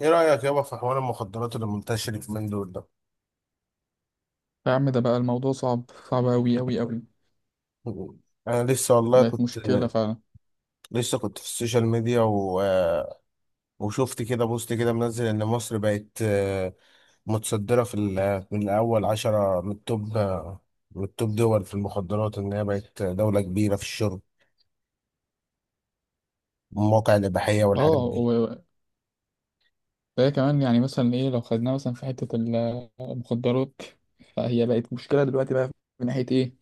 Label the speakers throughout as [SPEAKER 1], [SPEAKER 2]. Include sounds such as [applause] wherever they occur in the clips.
[SPEAKER 1] ايه رأيك يابا في حوار المخدرات اللي منتشر في من دول ده؟
[SPEAKER 2] يا عم ده بقى الموضوع صعب، صعب أوي أوي أوي.
[SPEAKER 1] انا لسه والله
[SPEAKER 2] بقت
[SPEAKER 1] كنت
[SPEAKER 2] مشكلة فعلا.
[SPEAKER 1] لسه كنت في السوشيال ميديا و... آه، وشفت كده بوست كده منزل ان مصر بقت، متصدرة من اول 10 من التوب، من التوب دول في المخدرات، ان هي بقت دولة كبيرة في الشرب، مواقع الإباحية والحاجات
[SPEAKER 2] اه،
[SPEAKER 1] دي.
[SPEAKER 2] وده كمان يعني مثلا ايه لو خدناها مثلا في حتة المخدرات، فهي بقت مشكلة دلوقتي بقى من ناحية ايه،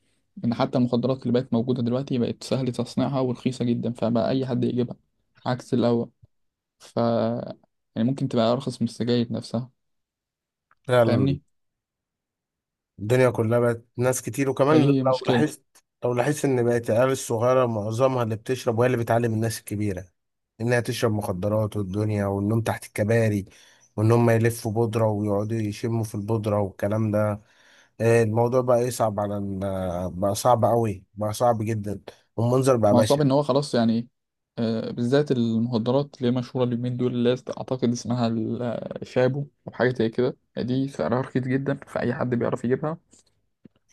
[SPEAKER 2] ان حتى المخدرات اللي بقت موجودة دلوقتي بقت سهل تصنيعها ورخيصة جدا فبقى أي حد يجيبها عكس الأول. ف يعني ممكن تبقى أرخص من السجاير نفسها.
[SPEAKER 1] فعلا،
[SPEAKER 2] فاهمني،
[SPEAKER 1] الدنيا كلها بقت ناس كتير. وكمان
[SPEAKER 2] فدي هي
[SPEAKER 1] لو
[SPEAKER 2] مشكلة.
[SPEAKER 1] لاحظت لو لاحظت ان بقت العيال الصغيره معظمها اللي بتشرب، وهي اللي بتعلم الناس الكبيره انها تشرب مخدرات، والدنيا والنوم تحت الكباري، وان هم يلفوا بودره ويقعدوا يشموا في البودره والكلام ده. الموضوع بقى يصعب بقى صعب قوي، بقى صعب جدا. والمنظر بقى
[SPEAKER 2] ما هو صعب
[SPEAKER 1] بشع.
[SPEAKER 2] ان هو خلاص يعني بالذات المخدرات اللي هي مشهورة اليومين دول اللي هي اعتقد اسمها شابو او حاجة زي كده، دي سعرها رخيص جدا فأي حد بيعرف يجيبها.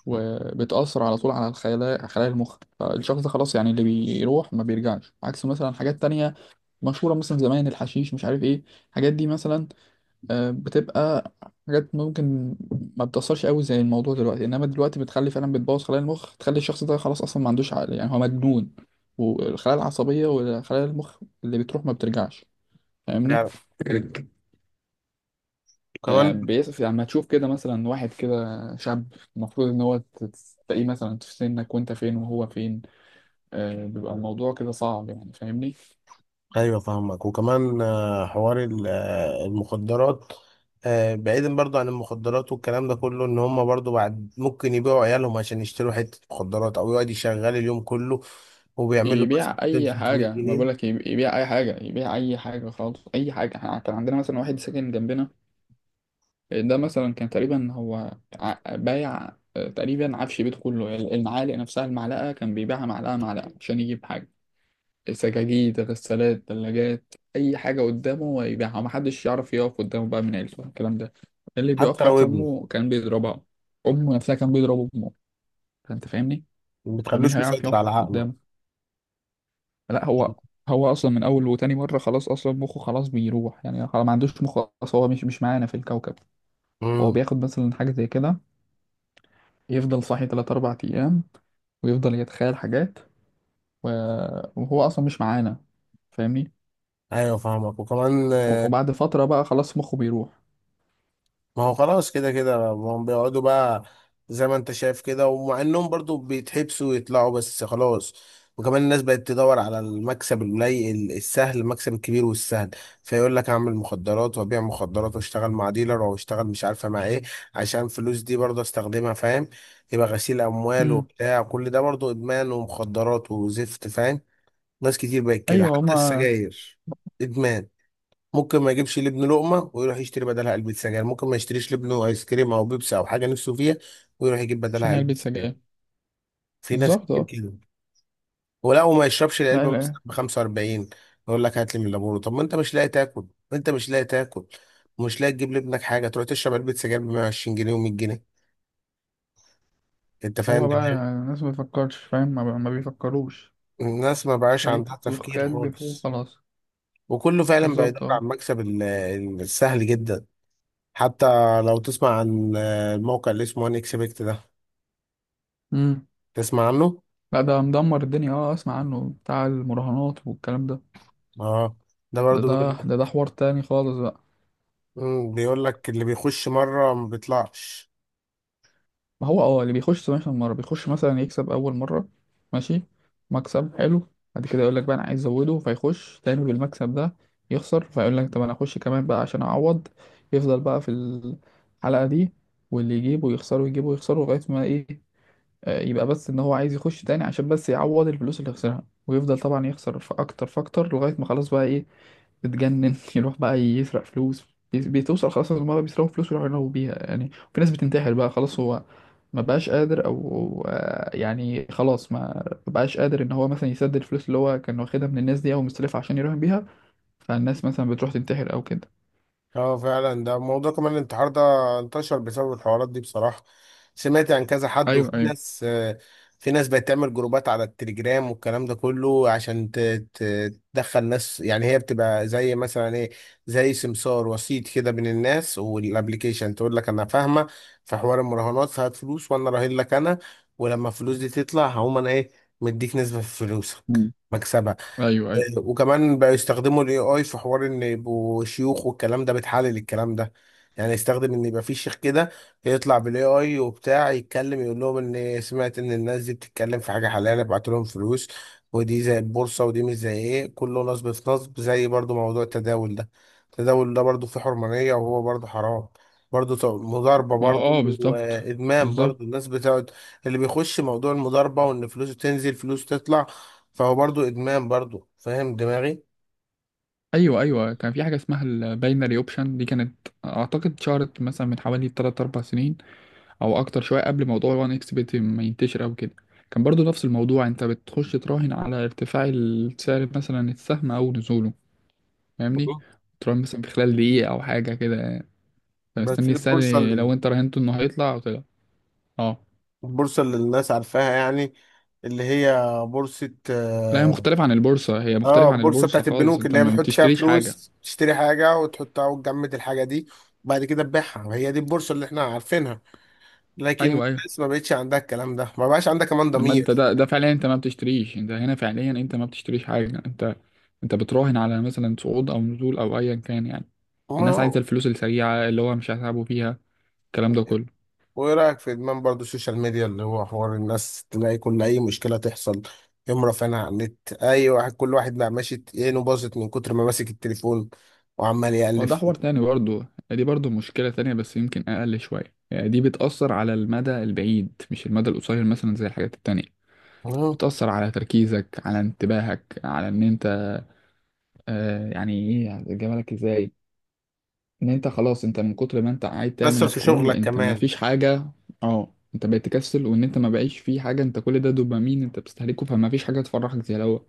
[SPEAKER 2] وبتأثر على طول على الخلايا، خلايا المخ، فالشخص ده خلاص يعني اللي بيروح ما بيرجعش، عكس مثلا حاجات تانية مشهورة مثلا زمان، الحشيش مش عارف ايه الحاجات دي مثلا، بتبقى حاجات ممكن ما بتأثرش قوي زي الموضوع دلوقتي، انما دلوقتي بتخلي فعلا، بتبوظ خلايا المخ، تخلي الشخص ده خلاص اصلا ما عندوش عقل يعني هو مجنون. والخلايا العصبية وخلايا المخ اللي بتروح ما بترجعش. فاهمني.
[SPEAKER 1] يعني كمان.
[SPEAKER 2] بيس يعني لما تشوف كده مثلا واحد كده شاب المفروض ان هو تلاقيه مثلا في سنك وانت فين وهو فين، بيبقى الموضوع كده صعب يعني. فاهمني.
[SPEAKER 1] ايوه فاهمك. وكمان آه، حوار ال- آه، المخدرات، بعيدا برضو عن المخدرات والكلام ده كله، ان هم برضو بعد ممكن يبيعوا عيالهم عشان يشتروا حتة مخدرات، او يقعد يشغل اليوم كله وبيعمل له مثلا
[SPEAKER 2] يبيع اي
[SPEAKER 1] 200 300
[SPEAKER 2] حاجه، ما
[SPEAKER 1] جنيه
[SPEAKER 2] بقولك يبيع اي حاجه، يبيع اي حاجه خالص، اي حاجه. إحنا كان عندنا مثلا واحد ساكن جنبنا، ده مثلا كان تقريبا هو بايع تقريبا عفش بيته كله، يعني المعالق نفسها، المعلقة كان بيبيعها معلقة معلقة عشان يجيب حاجة. سجاجيد، غسالات، ثلاجات، أي حاجة قدامه هو يبيعها، ومحدش يعرف يقف قدامه بقى من عيلته، الكلام ده اللي بيقف.
[SPEAKER 1] حتى لو
[SPEAKER 2] حتى
[SPEAKER 1] ابنه.
[SPEAKER 2] أمه كان بيضربها، أمه نفسها كان بيضرب أمه. فأنت فاهمني،
[SPEAKER 1] ما
[SPEAKER 2] فمين
[SPEAKER 1] بتخلوش
[SPEAKER 2] هيعرف
[SPEAKER 1] مسيطر على
[SPEAKER 2] يقف
[SPEAKER 1] عقله.
[SPEAKER 2] قدامه؟ لا، هو هو أصلا من أول وتاني مرة خلاص أصلا مخه خلاص بيروح، يعني خلاص ما عندوش مخ أصلا، هو مش معانا في الكوكب. هو
[SPEAKER 1] امم.
[SPEAKER 2] بياخد مثلا حاجة زي كده، يفضل صاحي تلات أربع أيام ويفضل يتخيل حاجات و... وهو أصلا مش معانا. فاهمني.
[SPEAKER 1] ايوه فاهمك. وكمان.
[SPEAKER 2] وبعد فترة بقى خلاص مخه بيروح.
[SPEAKER 1] ما هو خلاص كده كده ما هم بيقعدوا بقى زي ما انت شايف كده، ومع انهم برضو بيتحبسوا ويطلعوا بس خلاص. وكمان الناس بقت تدور على المكسب القليل السهل، المكسب الكبير والسهل. فيقول لك اعمل مخدرات وابيع مخدرات، واشتغل مع ديلر او اشتغل مش عارفه مع ايه، عشان فلوس دي برضه استخدمها، فاهم؟ يبقى غسيل اموال
[SPEAKER 2] امم.
[SPEAKER 1] وبتاع كل ده برضه ادمان ومخدرات وزفت، فاهم؟ ناس كتير بقت كده.
[SPEAKER 2] أيوه
[SPEAKER 1] حتى
[SPEAKER 2] هما.
[SPEAKER 1] السجاير ادمان. ممكن ما يجيبش لابنه لقمه ويروح يشتري بدلها علبه سجاير، ممكن ما يشتريش لابنه ايس كريم او بيبسي او حاجه نفسه فيها، ويروح يجيب بدلها
[SPEAKER 2] عشان
[SPEAKER 1] علبه
[SPEAKER 2] علبة
[SPEAKER 1] سجاير.
[SPEAKER 2] سجاير.
[SPEAKER 1] في ناس
[SPEAKER 2] بالظبط،
[SPEAKER 1] كتير
[SPEAKER 2] اه.
[SPEAKER 1] كده. ولا وما يشربش
[SPEAKER 2] لا،
[SPEAKER 1] العلبه
[SPEAKER 2] لا.
[SPEAKER 1] مثلا ب 45، يقول لك هات لي من لابورو. طب ما انت مش لاقي تاكل. انت مش لاقي تاكل، ومش لاقي تجيب لابنك حاجه، تروح تشرب علبه سجاير ب 120 جنيه و100 جنيه. انت فاهم
[SPEAKER 2] هو بقى
[SPEAKER 1] دماغي؟
[SPEAKER 2] الناس ما بتفكرش، فاهم، ما بيفكروش.
[SPEAKER 1] الناس ما بقاش
[SPEAKER 2] شوية
[SPEAKER 1] عندها تفكير
[SPEAKER 2] الدخان بيفوق
[SPEAKER 1] خالص.
[SPEAKER 2] خلاص.
[SPEAKER 1] وكله فعلا بقى
[SPEAKER 2] بالظبط،
[SPEAKER 1] يدور على
[SPEAKER 2] اه.
[SPEAKER 1] السهل جدا. حتى لو تسمع عن الموقع اللي اسمه ان اكسبكت ده،
[SPEAKER 2] امم.
[SPEAKER 1] تسمع عنه.
[SPEAKER 2] لا ده مدمر الدنيا، اه اسمع عنه، بتاع المراهنات والكلام ده.
[SPEAKER 1] اه، ده
[SPEAKER 2] ده
[SPEAKER 1] برضو
[SPEAKER 2] ده
[SPEAKER 1] بيقول.
[SPEAKER 2] ده حوار تاني خالص بقى.
[SPEAKER 1] مم، بيقول لك اللي بيخش مرة ما بيطلعش.
[SPEAKER 2] ما هو اه اللي بيخش 17 مرة بيخش، مثلا يكسب أول مرة، ماشي، مكسب حلو، بعد كده يقول لك بقى أنا عايز أزوده، فيخش تاني بالمكسب ده، يخسر، فيقول لك طب أنا أخش كمان بقى عشان أعوض، يفضل بقى في الحلقة دي، واللي يجيبه يخسره يجيبه يخسره لغاية ما إيه، يبقى بس إن هو عايز يخش تاني عشان بس يعوض الفلوس اللي خسرها، ويفضل طبعا يخسر في أكتر فأكتر لغاية ما خلاص بقى إيه، بتجنن. [laughs] يروح بقى يسرق فلوس. بتوصل خلاص إن هما بيسرقوا فلوس ويروحوا ينهبوا بيها، يعني في ناس بتنتحر بقى خلاص، هو ما بقاش قادر او يعني خلاص ما، ما بقاش قادر ان هو مثلا يسدد الفلوس اللي هو كان واخدها من الناس دي او مستلفها عشان يراهن بيها، فالناس مثلا بتروح تنتحر او كده.
[SPEAKER 1] اه فعلا، ده موضوع كمان الانتحار ده، انتشر بسبب الحوارات دي بصراحة. سمعت عن كذا حد.
[SPEAKER 2] ايوه
[SPEAKER 1] وفي
[SPEAKER 2] ايوه.
[SPEAKER 1] ناس، في ناس بقت تعمل جروبات على التليجرام والكلام ده كله، عشان تدخل ناس. يعني هي بتبقى زي مثلا ايه، زي سمسار وسيط كده بين الناس والابليكيشن. تقول لك انا فاهمة في حوار المراهنات، فهات فلوس وانا راهن لك انا، ولما الفلوس دي تطلع هقوم انا ايه، مديك نسبة في فلوسك،
[SPEAKER 2] مم.
[SPEAKER 1] مكسبك.
[SPEAKER 2] ايوه ايوه.
[SPEAKER 1] وكمان بقى يستخدموا الاي اي في حوار ان يبقوا شيوخ والكلام ده، بتحلل الكلام ده، يعني يستخدم ان يبقى في شيخ كده يطلع بالاي اي وبتاع، يتكلم يقول لهم ان سمعت ان الناس دي بتتكلم في حاجه حلال، ابعت لهم فلوس. ودي زي البورصه، ودي مش زي ايه، كله نصب في نصب. زي برضو موضوع التداول ده. التداول ده برضو فيه حرمانيه وهو برضو حرام. برضو مضاربه،
[SPEAKER 2] ما هو
[SPEAKER 1] برضو
[SPEAKER 2] اه بالظبط،
[SPEAKER 1] وادمان،
[SPEAKER 2] بالظبط.
[SPEAKER 1] برضو الناس بتقعد اللي بيخش موضوع المضاربه، وان فلوسه تنزل فلوسه تطلع، فهو برضو ادمان برضو، فاهم دماغي؟
[SPEAKER 2] ايوه ايوه، كان في حاجه اسمها الباينري اوبشن، دي كانت اعتقد شهرت مثلا من حوالي 3 4 سنين، او اكتر شويه قبل موضوع وان اكس بت ما ينتشر او كده. كان برضو نفس الموضوع، انت بتخش تراهن على ارتفاع السعر مثلا السهم او نزوله. فاهمني،
[SPEAKER 1] مم.
[SPEAKER 2] تراهن مثلا في خلال دقيقه او حاجه كده،
[SPEAKER 1] بس
[SPEAKER 2] فمستني السعر
[SPEAKER 1] البورصه اللي،
[SPEAKER 2] لو انت راهنته انه هيطلع او طلع. اه.
[SPEAKER 1] البورصه اللي الناس عارفاها يعني، اللي هي بورصه،
[SPEAKER 2] لا هي
[SPEAKER 1] اه.
[SPEAKER 2] مختلفه عن البورصه، هي مختلفه عن
[SPEAKER 1] البورصه
[SPEAKER 2] البورصه
[SPEAKER 1] بتاعت
[SPEAKER 2] خالص،
[SPEAKER 1] البنوك
[SPEAKER 2] انت
[SPEAKER 1] اللي هي
[SPEAKER 2] ما
[SPEAKER 1] بتحط فيها
[SPEAKER 2] بتشتريش حاجه.
[SPEAKER 1] فلوس، تشتري حاجه وتحطها وتجمد الحاجه دي، وبعد كده تبيعها. هي دي البورصه اللي احنا عارفينها. لكن
[SPEAKER 2] ايوه ايوه.
[SPEAKER 1] الناس ما بقتش عندها الكلام ده، ما بقاش عندها كمان
[SPEAKER 2] لما
[SPEAKER 1] ضمير.
[SPEAKER 2] انت ده فعليا انت ما بتشتريش، انت هنا فعليا انت ما بتشتريش حاجه، انت انت بتراهن على مثلا صعود او نزول او ايا كان، يعني الناس عايزه الفلوس السريعه اللي هو مش هيتعبوا فيها، الكلام ده كله.
[SPEAKER 1] وايه رايك في ادمان برضو السوشيال ميديا، اللي هو حوار الناس تلاقي كل اي مشكله تحصل يقوم رافعينها على النت. اي واحد، كل واحد بقى ماشي عينه باظت من كتر ما ماسك التليفون، وعمال
[SPEAKER 2] اه
[SPEAKER 1] يقلب
[SPEAKER 2] ده حوار
[SPEAKER 1] فيه.
[SPEAKER 2] تاني برضه، دي برضه مشكلة تانية بس يمكن أقل شوية، يعني دي بتأثر على المدى البعيد مش المدى القصير مثلا زي الحاجات التانية.
[SPEAKER 1] مم.
[SPEAKER 2] بتأثر على تركيزك، على انتباهك، على إن أنت، آه يعني إيه، هجيبها لك إزاي، ان انت خلاص انت من كتر ما انت قاعد
[SPEAKER 1] تأثر
[SPEAKER 2] تعمل
[SPEAKER 1] في
[SPEAKER 2] سكرول،
[SPEAKER 1] شغلك
[SPEAKER 2] انت ما
[SPEAKER 1] كمان.
[SPEAKER 2] فيش حاجة. اه انت بقيت تكسل، وان انت ما بقيش فيه حاجة، انت كل ده دوبامين انت بتستهلكه، فما فيش حاجة تفرحك زي الاول.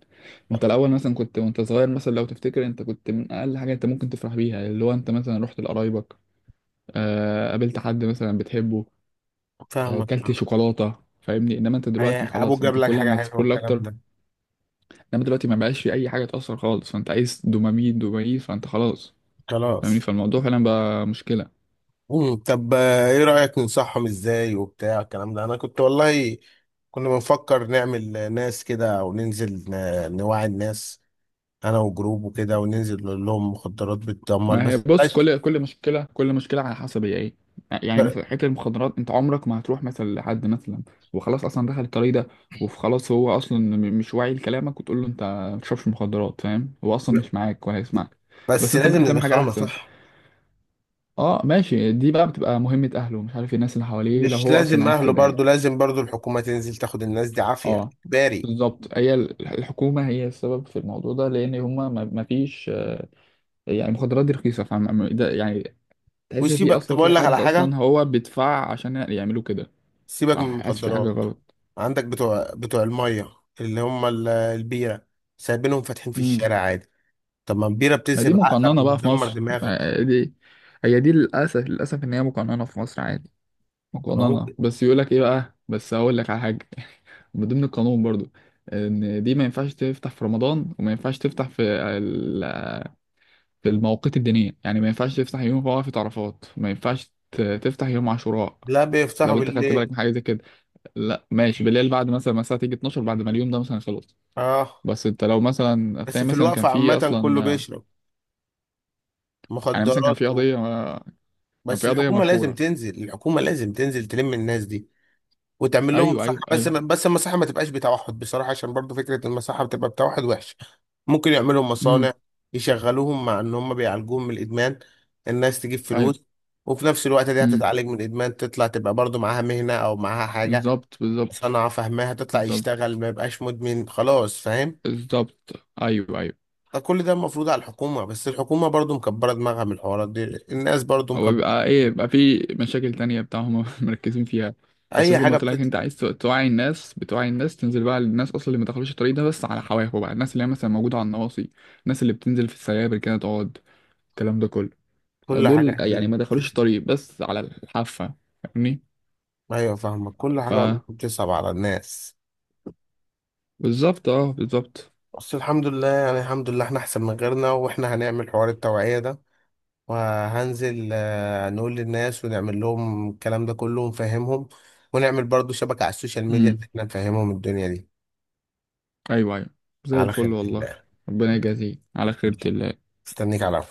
[SPEAKER 2] انت الاول مثلا كنت وانت صغير، مثلا لو تفتكر انت كنت من اقل حاجة انت ممكن تفرح بيها، اللي هو انت مثلا رحت لقرايبك، آه قابلت حد مثلا بتحبه، آه
[SPEAKER 1] فاهمك.
[SPEAKER 2] كلت شوكولاتة. فاهمني، انما انت دلوقتي
[SPEAKER 1] ابوك
[SPEAKER 2] خلاص
[SPEAKER 1] جاب
[SPEAKER 2] انت
[SPEAKER 1] لك
[SPEAKER 2] كل
[SPEAKER 1] حاجه
[SPEAKER 2] ما
[SPEAKER 1] حلوه،
[SPEAKER 2] تسكرول
[SPEAKER 1] الكلام
[SPEAKER 2] اكتر.
[SPEAKER 1] ده.
[SPEAKER 2] انما دلوقتي ما بقاش في اي حاجة تأثر خالص، فانت عايز دوبامين دوبامين، فانت خلاص. فاهمني،
[SPEAKER 1] خلاص.
[SPEAKER 2] فالموضوع فعلا بقى مشكلة.
[SPEAKER 1] مم. طب، ايه رايك ننصحهم ازاي وبتاع الكلام ده؟ انا كنت والله، كنا بنفكر نعمل ناس كده، او ننزل نوعي الناس، انا وجروب وكده، وننزل نقول لهم مخدرات بتدمر.
[SPEAKER 2] ما هي
[SPEAKER 1] بس
[SPEAKER 2] بص،
[SPEAKER 1] بلاش.
[SPEAKER 2] كل مشكله، كل مشكله على حسب هي ايه، يعني مثلا حته المخدرات، انت عمرك ما هتروح مثلا لحد مثلا وخلاص اصلا دخل الطريق ده، وخلاص هو اصلا مش واعي لكلامك، وتقول له انت ما بتشربش مخدرات، فاهم؟ هو اصلا مش معاك ولا هيسمعك. بس
[SPEAKER 1] بس
[SPEAKER 2] انت
[SPEAKER 1] لازم
[SPEAKER 2] ممكن تعمل حاجه
[SPEAKER 1] ندخله
[SPEAKER 2] احسن،
[SPEAKER 1] مصلحة.
[SPEAKER 2] اه ماشي، دي بقى بتبقى مهمه اهله مش عارف إيه، الناس اللي حواليه لو
[SPEAKER 1] مش
[SPEAKER 2] هو اصلا
[SPEAKER 1] لازم
[SPEAKER 2] عايز
[SPEAKER 1] اهله،
[SPEAKER 2] كده يعني.
[SPEAKER 1] برضو لازم برضو الحكومة تنزل تاخد الناس دي عافية
[SPEAKER 2] اه
[SPEAKER 1] اجباري.
[SPEAKER 2] بالظبط، هي الحكومه هي السبب في الموضوع ده، لان هما ما فيش، يعني المخدرات دي رخيصه، فاهم ده يعني، تحس في
[SPEAKER 1] وسيبك، طب
[SPEAKER 2] اصلا، في
[SPEAKER 1] اقول لك على
[SPEAKER 2] حد
[SPEAKER 1] حاجة،
[SPEAKER 2] اصلا هو بيدفع عشان يعملوا كده،
[SPEAKER 1] سيبك من
[SPEAKER 2] فحاسس في حاجه
[SPEAKER 1] المخدرات.
[SPEAKER 2] غلط.
[SPEAKER 1] عندك بتوع المية اللي هم البيرة، سايبينهم فاتحين في
[SPEAKER 2] امم.
[SPEAKER 1] الشارع عادي. طب ما البيرة
[SPEAKER 2] ما دي
[SPEAKER 1] بتذهب عقلك
[SPEAKER 2] مقننه بقى في
[SPEAKER 1] وبتدمر
[SPEAKER 2] مصر،
[SPEAKER 1] دماغك.
[SPEAKER 2] ما دي هي دي للاسف، للاسف ان هي مقننه في مصر عادي،
[SPEAKER 1] طب ما
[SPEAKER 2] مقننه.
[SPEAKER 1] ممكن.
[SPEAKER 2] بس يقول لك ايه بقى، بس هقول لك على حاجه. [laughs] من ضمن القانون برضو ان دي ما ينفعش تفتح في رمضان، وما ينفعش تفتح في في المواقيت الدينيه، يعني ما ينفعش تفتح يوم وقفة عرفات، ما ينفعش تفتح يوم عاشوراء.
[SPEAKER 1] لا، بيفتحوا
[SPEAKER 2] لو انت خدت بالك
[SPEAKER 1] بالليل.
[SPEAKER 2] من حاجه زي كده. لا ماشي، بالليل بعد مثلا ما الساعه تيجي 12، بعد ما اليوم ده مثلا خلص.
[SPEAKER 1] اه.
[SPEAKER 2] بس انت لو مثلا
[SPEAKER 1] بس
[SPEAKER 2] هتلاقي
[SPEAKER 1] في
[SPEAKER 2] مثلا كان
[SPEAKER 1] الوقفة
[SPEAKER 2] في
[SPEAKER 1] عامة
[SPEAKER 2] اصلا
[SPEAKER 1] كله بيشرب
[SPEAKER 2] يعني مثلا كان
[SPEAKER 1] مخدرات.
[SPEAKER 2] في قضيه كان
[SPEAKER 1] بس
[SPEAKER 2] في قضيه
[SPEAKER 1] الحكومة لازم
[SPEAKER 2] مشهوره.
[SPEAKER 1] تنزل، الحكومة لازم تنزل تلم الناس دي، وتعمل لهم
[SPEAKER 2] ايوه
[SPEAKER 1] مساحة.
[SPEAKER 2] ايوه
[SPEAKER 1] بس
[SPEAKER 2] ايوه.
[SPEAKER 1] ما بس المساحة ما تبقاش بتوحد بصراحة، عشان برضو فكرة المساحة بتبقى بتوحد وحشة. ممكن يعملوا مصانع
[SPEAKER 2] امم.
[SPEAKER 1] يشغلوهم، مع ان هم بيعالجوهم من الادمان. الناس تجيب
[SPEAKER 2] ايوه.
[SPEAKER 1] فلوس، وفي نفس الوقت دي
[SPEAKER 2] امم.
[SPEAKER 1] هتتعالج من الادمان، تطلع تبقى برضو معاها مهنة او معاها حاجة،
[SPEAKER 2] بالظبط بالظبط.
[SPEAKER 1] صنعة فاهماها، تطلع
[SPEAKER 2] بالظبط
[SPEAKER 1] يشتغل ما يبقاش مدمن خلاص، فاهم؟
[SPEAKER 2] بالظبط. ايوه ايوه.
[SPEAKER 1] فكل ده المفروض على الحكومة، بس الحكومة برضو مكبرة دماغها من الحوارات دي، الناس برضو
[SPEAKER 2] هو
[SPEAKER 1] مكبرة.
[SPEAKER 2] بيبقى ايه، بيبقى في مشاكل تانية بتاعهم [laughs] مركزين فيها. بس
[SPEAKER 1] اي
[SPEAKER 2] زي ما
[SPEAKER 1] حاجة
[SPEAKER 2] قلت لك،
[SPEAKER 1] بتطلع.
[SPEAKER 2] انت عايز توعي الناس، بتوعي الناس، تنزل بقى للناس اصلا اللي ما دخلوش الطريق ده بس على حواف بقى، الناس اللي هي مثلا موجوده على النواصي، الناس اللي بتنزل في السيابر كده تقعد، الكلام ده كله.
[SPEAKER 1] كل حاجة
[SPEAKER 2] دول يعني
[SPEAKER 1] هتيجي.
[SPEAKER 2] ما دخلوش الطريق بس على الحافة. فاهمني.
[SPEAKER 1] ايوه فاهمك. كل
[SPEAKER 2] ف
[SPEAKER 1] حاجه والله بتصعب على الناس.
[SPEAKER 2] بالظبط اه، بالظبط.
[SPEAKER 1] بس الحمد لله، يعني الحمد لله احنا احسن من غيرنا، واحنا هنعمل حوار التوعيه ده. وهنزل، نقول للناس ونعمل لهم الكلام ده كله ونفهمهم، ونعمل برضو شبكه على السوشيال ميديا
[SPEAKER 2] امم.
[SPEAKER 1] ان احنا نفهمهم الدنيا دي.
[SPEAKER 2] ايوه ايوه، زي
[SPEAKER 1] على
[SPEAKER 2] الفل
[SPEAKER 1] خير
[SPEAKER 2] والله.
[SPEAKER 1] الله.
[SPEAKER 2] ربنا يجازيك على خيرة ال
[SPEAKER 1] مستنيك على